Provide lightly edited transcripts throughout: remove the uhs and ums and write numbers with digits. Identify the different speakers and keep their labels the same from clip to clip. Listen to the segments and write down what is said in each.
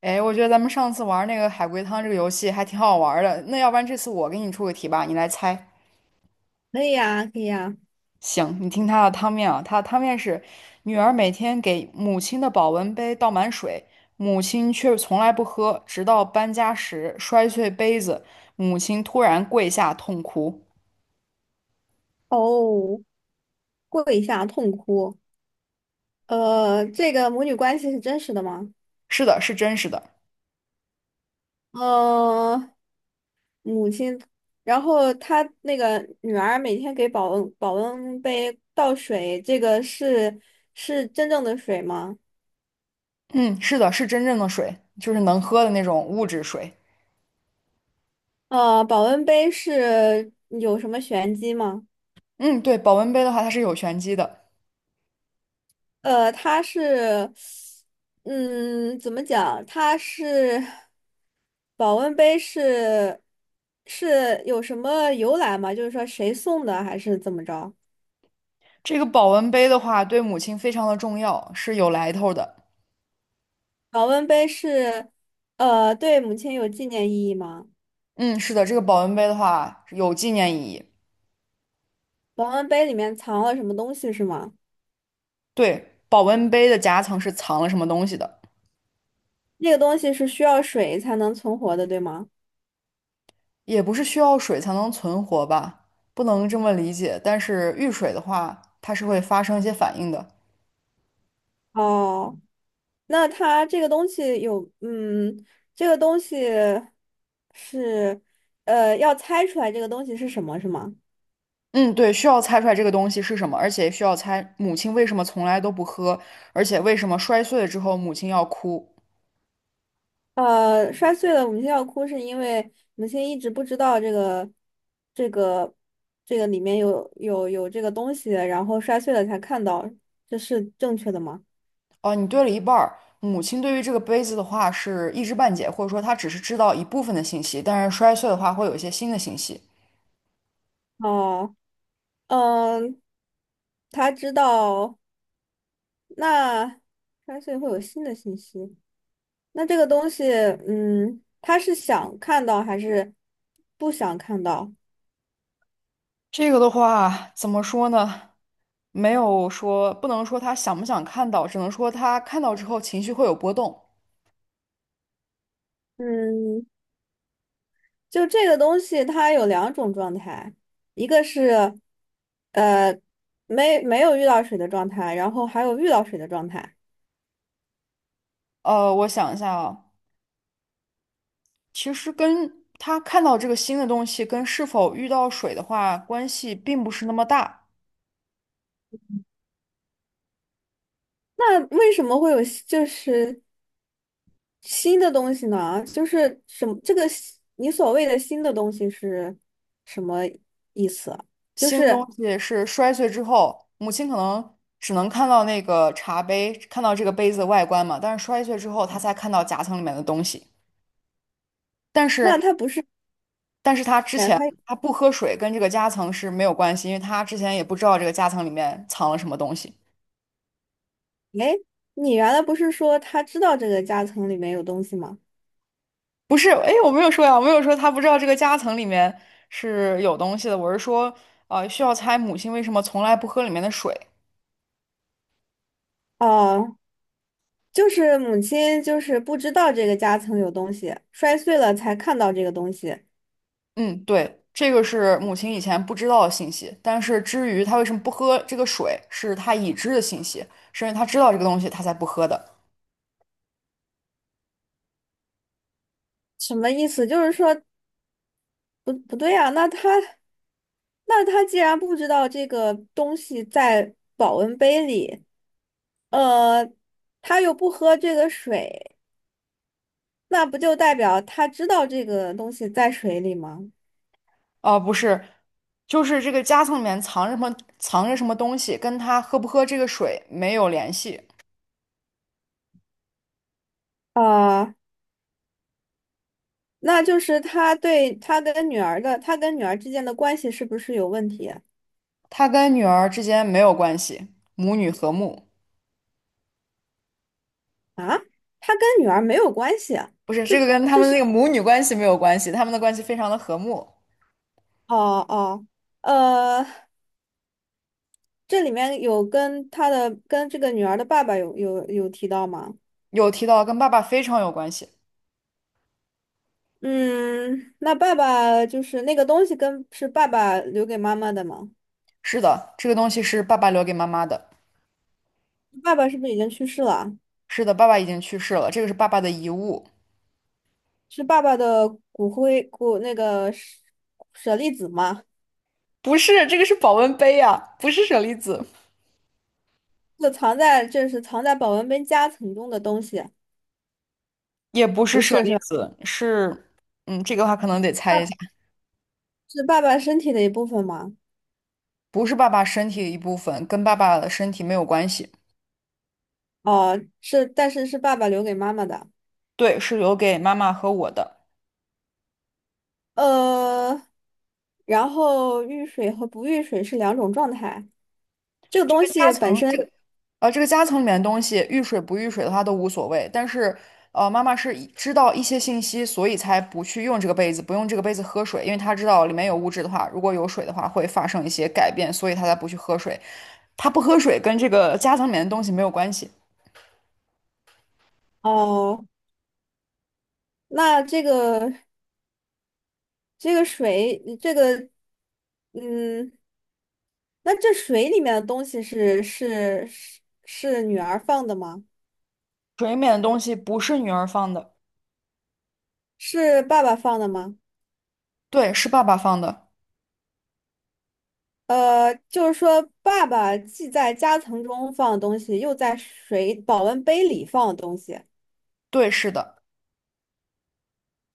Speaker 1: 哎，我觉得咱们上次玩那个海龟汤这个游戏还挺好玩儿的。那要不然这次我给你出个题吧，你来猜。
Speaker 2: 可以呀，可以呀。
Speaker 1: 行，你听它的汤面啊，它的汤面是：女儿每天给母亲的保温杯倒满水，母亲却从来不喝，直到搬家时摔碎杯子，母亲突然跪下痛哭。
Speaker 2: 哦，跪下痛哭。这个母女关系是真实的吗？
Speaker 1: 是的，是真实的。
Speaker 2: 呃，母亲，然后她那个女儿每天给保温杯倒水，这个是是真正的水吗？
Speaker 1: 嗯，是的，是真正的水，就是能喝的那种物质水。
Speaker 2: 保温杯是有什么玄机吗？
Speaker 1: 嗯，对，保温杯的话，它是有玄机的。
Speaker 2: 它是，嗯，怎么讲？它是保温杯是是有什么由来吗？就是说谁送的，还是怎么着？
Speaker 1: 这个保温杯的话，对母亲非常的重要，是有来头的。
Speaker 2: 保温杯是，对母亲有纪念意义吗？
Speaker 1: 嗯，是的，这个保温杯的话有纪念意义。
Speaker 2: 保温杯里面藏了什么东西是吗？
Speaker 1: 对，保温杯的夹层是藏了什么东西的，
Speaker 2: 那个东西是需要水才能存活的，对吗？
Speaker 1: 也不是需要水才能存活吧？不能这么理解。但是遇水的话，它是会发生一些反应的。
Speaker 2: 哦。那它这个东西有，嗯，这个东西是，要猜出来这个东西是什么，是吗？
Speaker 1: 嗯，对，需要猜出来这个东西是什么，而且需要猜母亲为什么从来都不喝，而且为什么摔碎了之后母亲要哭。
Speaker 2: 呃，摔碎了，母亲要哭，是因为母亲一直不知道这个，这个，这个里面有这个东西，然后摔碎了才看到，这是正确的吗？
Speaker 1: 哦，你对了一半儿。母亲对于这个杯子的话是一知半解，或者说她只是知道一部分的信息，但是摔碎的话会有一些新的信息。
Speaker 2: 哦，嗯，他知道，那摔碎会有新的信息。那这个东西，嗯，他是想看到还是不想看到？
Speaker 1: 这个的话，怎么说呢？没有说，不能说他想不想看到，只能说他看到之后情绪会有波动。
Speaker 2: 嗯，就这个东西，它有两种状态，一个是呃没没有遇到水的状态，然后还有遇到水的状态。
Speaker 1: 我想一下啊，其实跟他看到这个新的东西跟是否遇到水的话，关系并不是那么大。
Speaker 2: 那为什么会有新就是新的东西呢？就是什么这个新你所谓的新的东西是什么意思啊？就
Speaker 1: 新的东
Speaker 2: 是
Speaker 1: 西是摔碎之后，母亲可能只能看到那个茶杯，看到这个杯子的外观嘛，但是摔碎之后，他才看到夹层里面的东西。但是
Speaker 2: 那它不是
Speaker 1: 但是他之
Speaker 2: 它
Speaker 1: 前他不喝水跟这个夹层是没有关系，因为他之前也不知道这个夹层里面藏了什么东西。
Speaker 2: 哎，你原来不是说他知道这个夹层里面有东西吗？
Speaker 1: 不是，哎，我没有说呀，我没有说他不知道这个夹层里面是有东西的，我是说，需要猜母亲为什么从来不喝里面的水。
Speaker 2: 哦，就是母亲就是不知道这个夹层有东西，摔碎了才看到这个东西，
Speaker 1: 嗯，对，这个是母亲以前不知道的信息，但是至于她为什么不喝这个水，是她已知的信息，是因为她知道这个东西，她才不喝的。
Speaker 2: 什么意思？就是说不不对啊，那他那他既然不知道这个东西在保温杯里，呃，他又不喝这个水，那不就代表他知道这个东西在水里吗？
Speaker 1: 哦，不是，就是这个夹层里面藏着什么，藏着什么东西，跟他喝不喝这个水没有联系，
Speaker 2: 啊、那就是他对他跟女儿的，他跟女儿之间的关系是不是有问题啊？
Speaker 1: 他跟女儿之间没有关系，母女和睦，
Speaker 2: 他跟女儿没有关系啊，
Speaker 1: 不是，
Speaker 2: 就
Speaker 1: 这个跟他们那个母女关系没有关系，他们的关系非常的和睦。
Speaker 2: 哦哦，呃，这里面有跟他的跟这个女儿的爸爸有提到吗？
Speaker 1: 有提到跟爸爸非常有关系，
Speaker 2: 嗯，那爸爸就是那个东西跟是爸爸留给妈妈的吗？
Speaker 1: 是的，这个东西是爸爸留给妈妈的，
Speaker 2: 爸爸是不是已经去世了啊？
Speaker 1: 是的，爸爸已经去世了，这个是爸爸的遗物，
Speaker 2: 是爸爸的骨灰骨那个舍舍利子吗？
Speaker 1: 不是，这个是保温杯呀、不是舍利子，
Speaker 2: 就藏在这是藏在保温杯夹层中的东西，
Speaker 1: 也不是
Speaker 2: 不
Speaker 1: 舍
Speaker 2: 是是
Speaker 1: 利
Speaker 2: 吧？
Speaker 1: 子，是，嗯，这个的话可能得猜
Speaker 2: 爸
Speaker 1: 一下。
Speaker 2: 是爸爸身体的一部分吗？
Speaker 1: 不是爸爸身体的一部分，跟爸爸的身体没有关系。
Speaker 2: 哦，是，但是是爸爸留给妈妈的。
Speaker 1: 对，是留给妈妈和我的。
Speaker 2: 呃，然后遇水和不遇水是两种状态。这个
Speaker 1: 这
Speaker 2: 东
Speaker 1: 个夹
Speaker 2: 西本
Speaker 1: 层，
Speaker 2: 身，
Speaker 1: 这个夹层里面的东西，遇水不遇水的话都无所谓。但是妈妈是以知道一些信息，所以才不去用这个杯子，不用这个杯子喝水，因为她知道里面有物质的话，如果有水的话会发生一些改变，所以她才不去喝水。她不喝水跟这个夹层里面的东西没有关系，
Speaker 2: 哦，那这个这个水，这个嗯，那这水里面的东西是是是是女儿放的吗？
Speaker 1: 水里面的东西不是女儿放的，
Speaker 2: 是爸爸放的吗？
Speaker 1: 对，是爸爸放的，
Speaker 2: 就是说，爸爸既在夹层中放的东西，又在水保温杯里放的东西。
Speaker 1: 对，是的。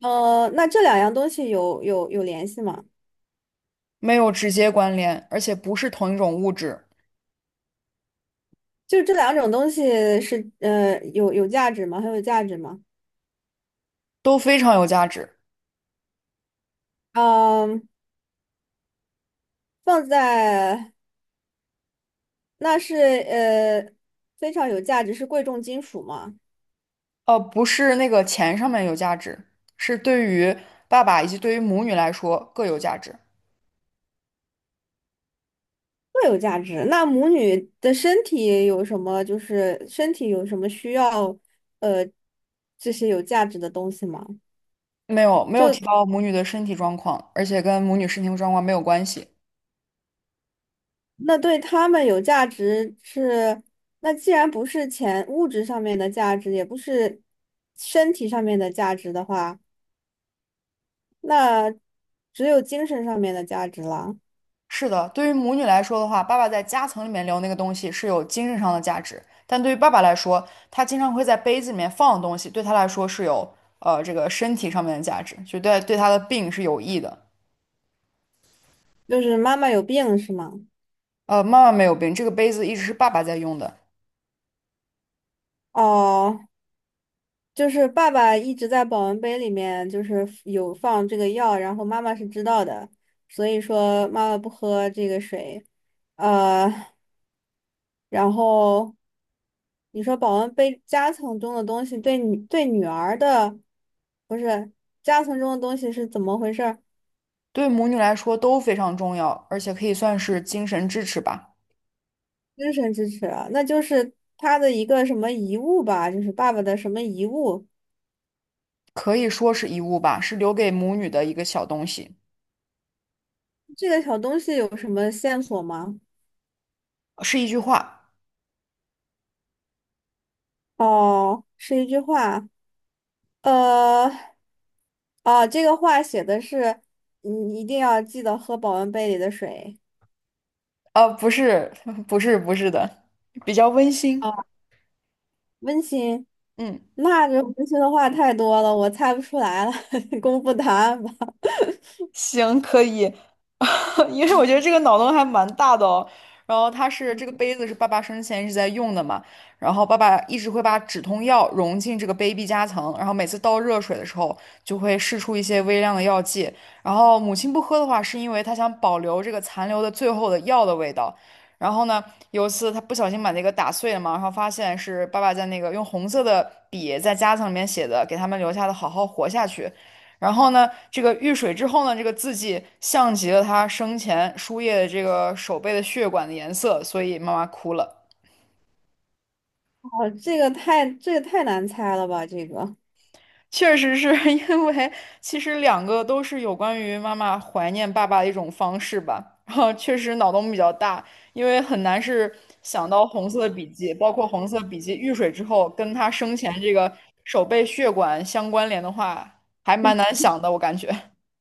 Speaker 2: 那这两样东西有联系吗？
Speaker 1: 没有直接关联，而且不是同一种物质，
Speaker 2: 就是这两种东西是有有价值吗？很有价值吗？
Speaker 1: 都非常有价值。
Speaker 2: 嗯，放在那是非常有价值，是贵重金属吗？
Speaker 1: 不是那个钱上面有价值，是对于爸爸以及对于母女来说各有价值。
Speaker 2: 会有价值。那母女的身体有什么？就是身体有什么需要呃这些有价值的东西吗？
Speaker 1: 没有
Speaker 2: 就。
Speaker 1: 提到母女的身体状况，而且跟母女身体状况没有关系。
Speaker 2: 那对他们有价值是，那既然不是钱物质上面的价值，也不是身体上面的价值的话，那只有精神上面的价值了。
Speaker 1: 是的，对于母女来说的话，爸爸在夹层里面留那个东西是有精神上的价值，但对于爸爸来说，他经常会在杯子里面放的东西，对他来说是有这个身体上面的价值，就对他的病是有益的。
Speaker 2: 就是妈妈有病是吗？
Speaker 1: 妈妈没有病，这个杯子一直是爸爸在用的，
Speaker 2: 哦，就是爸爸一直在保温杯里面就是有放这个药，然后妈妈是知道的，所以说妈妈不喝这个水，呃。然后你说保温杯夹层中的东西对女对女儿的不是夹层中的东西是怎么回事儿？
Speaker 1: 对母女来说都非常重要，而且可以算是精神支持吧，
Speaker 2: 精神支持啊那就是他的一个什么遗物吧，就是爸爸的什么遗物？
Speaker 1: 可以说是遗物吧，是留给母女的一个小东西，
Speaker 2: 这个小东西有什么线索吗？
Speaker 1: 是一句话，
Speaker 2: 哦，是一句话，呃，哦，这个话写的是你一定要记得喝保温杯里的水。
Speaker 1: 不是，不是，不是的，比较温馨，
Speaker 2: 温馨，
Speaker 1: 嗯。
Speaker 2: 那这温馨的话太多了，我猜不出来了，公布答案吧。
Speaker 1: 行，可以，因为我觉得这个脑洞还蛮大的哦。然后它是这个杯子是爸爸生前一直在用的嘛，然后爸爸一直会把止痛药融进这个杯壁夹层，然后每次倒热水的时候就会释出一些微量的药剂。然后母亲不喝的话，是因为她想保留这个残留的最后的药的味道。然后呢，有一次她不小心把那个打碎了嘛，然后发现是爸爸在那个用红色的笔在夹层里面写的，给他们留下的“好好活下去”。然后呢，这个遇水之后呢，这个字迹像极了他生前输液的这个手背的血管的颜色，所以妈妈哭了。
Speaker 2: 哦这个太这个太难猜了吧？这个
Speaker 1: 确实是 因为，其实两个都是有关于妈妈怀念爸爸的一种方式吧。然后确实脑洞比较大，因为很难是想到红色笔记，包括红色笔记遇水之后跟他生前这个手背血管相关联的话，还蛮难想的，我感觉。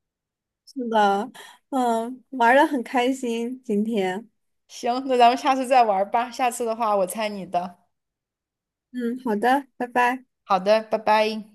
Speaker 2: 是的，嗯，玩的很开心今天，
Speaker 1: 行，那咱们下次再玩儿吧。下次的话，我猜你的。
Speaker 2: 嗯，好的，拜拜。
Speaker 1: 好的，拜拜。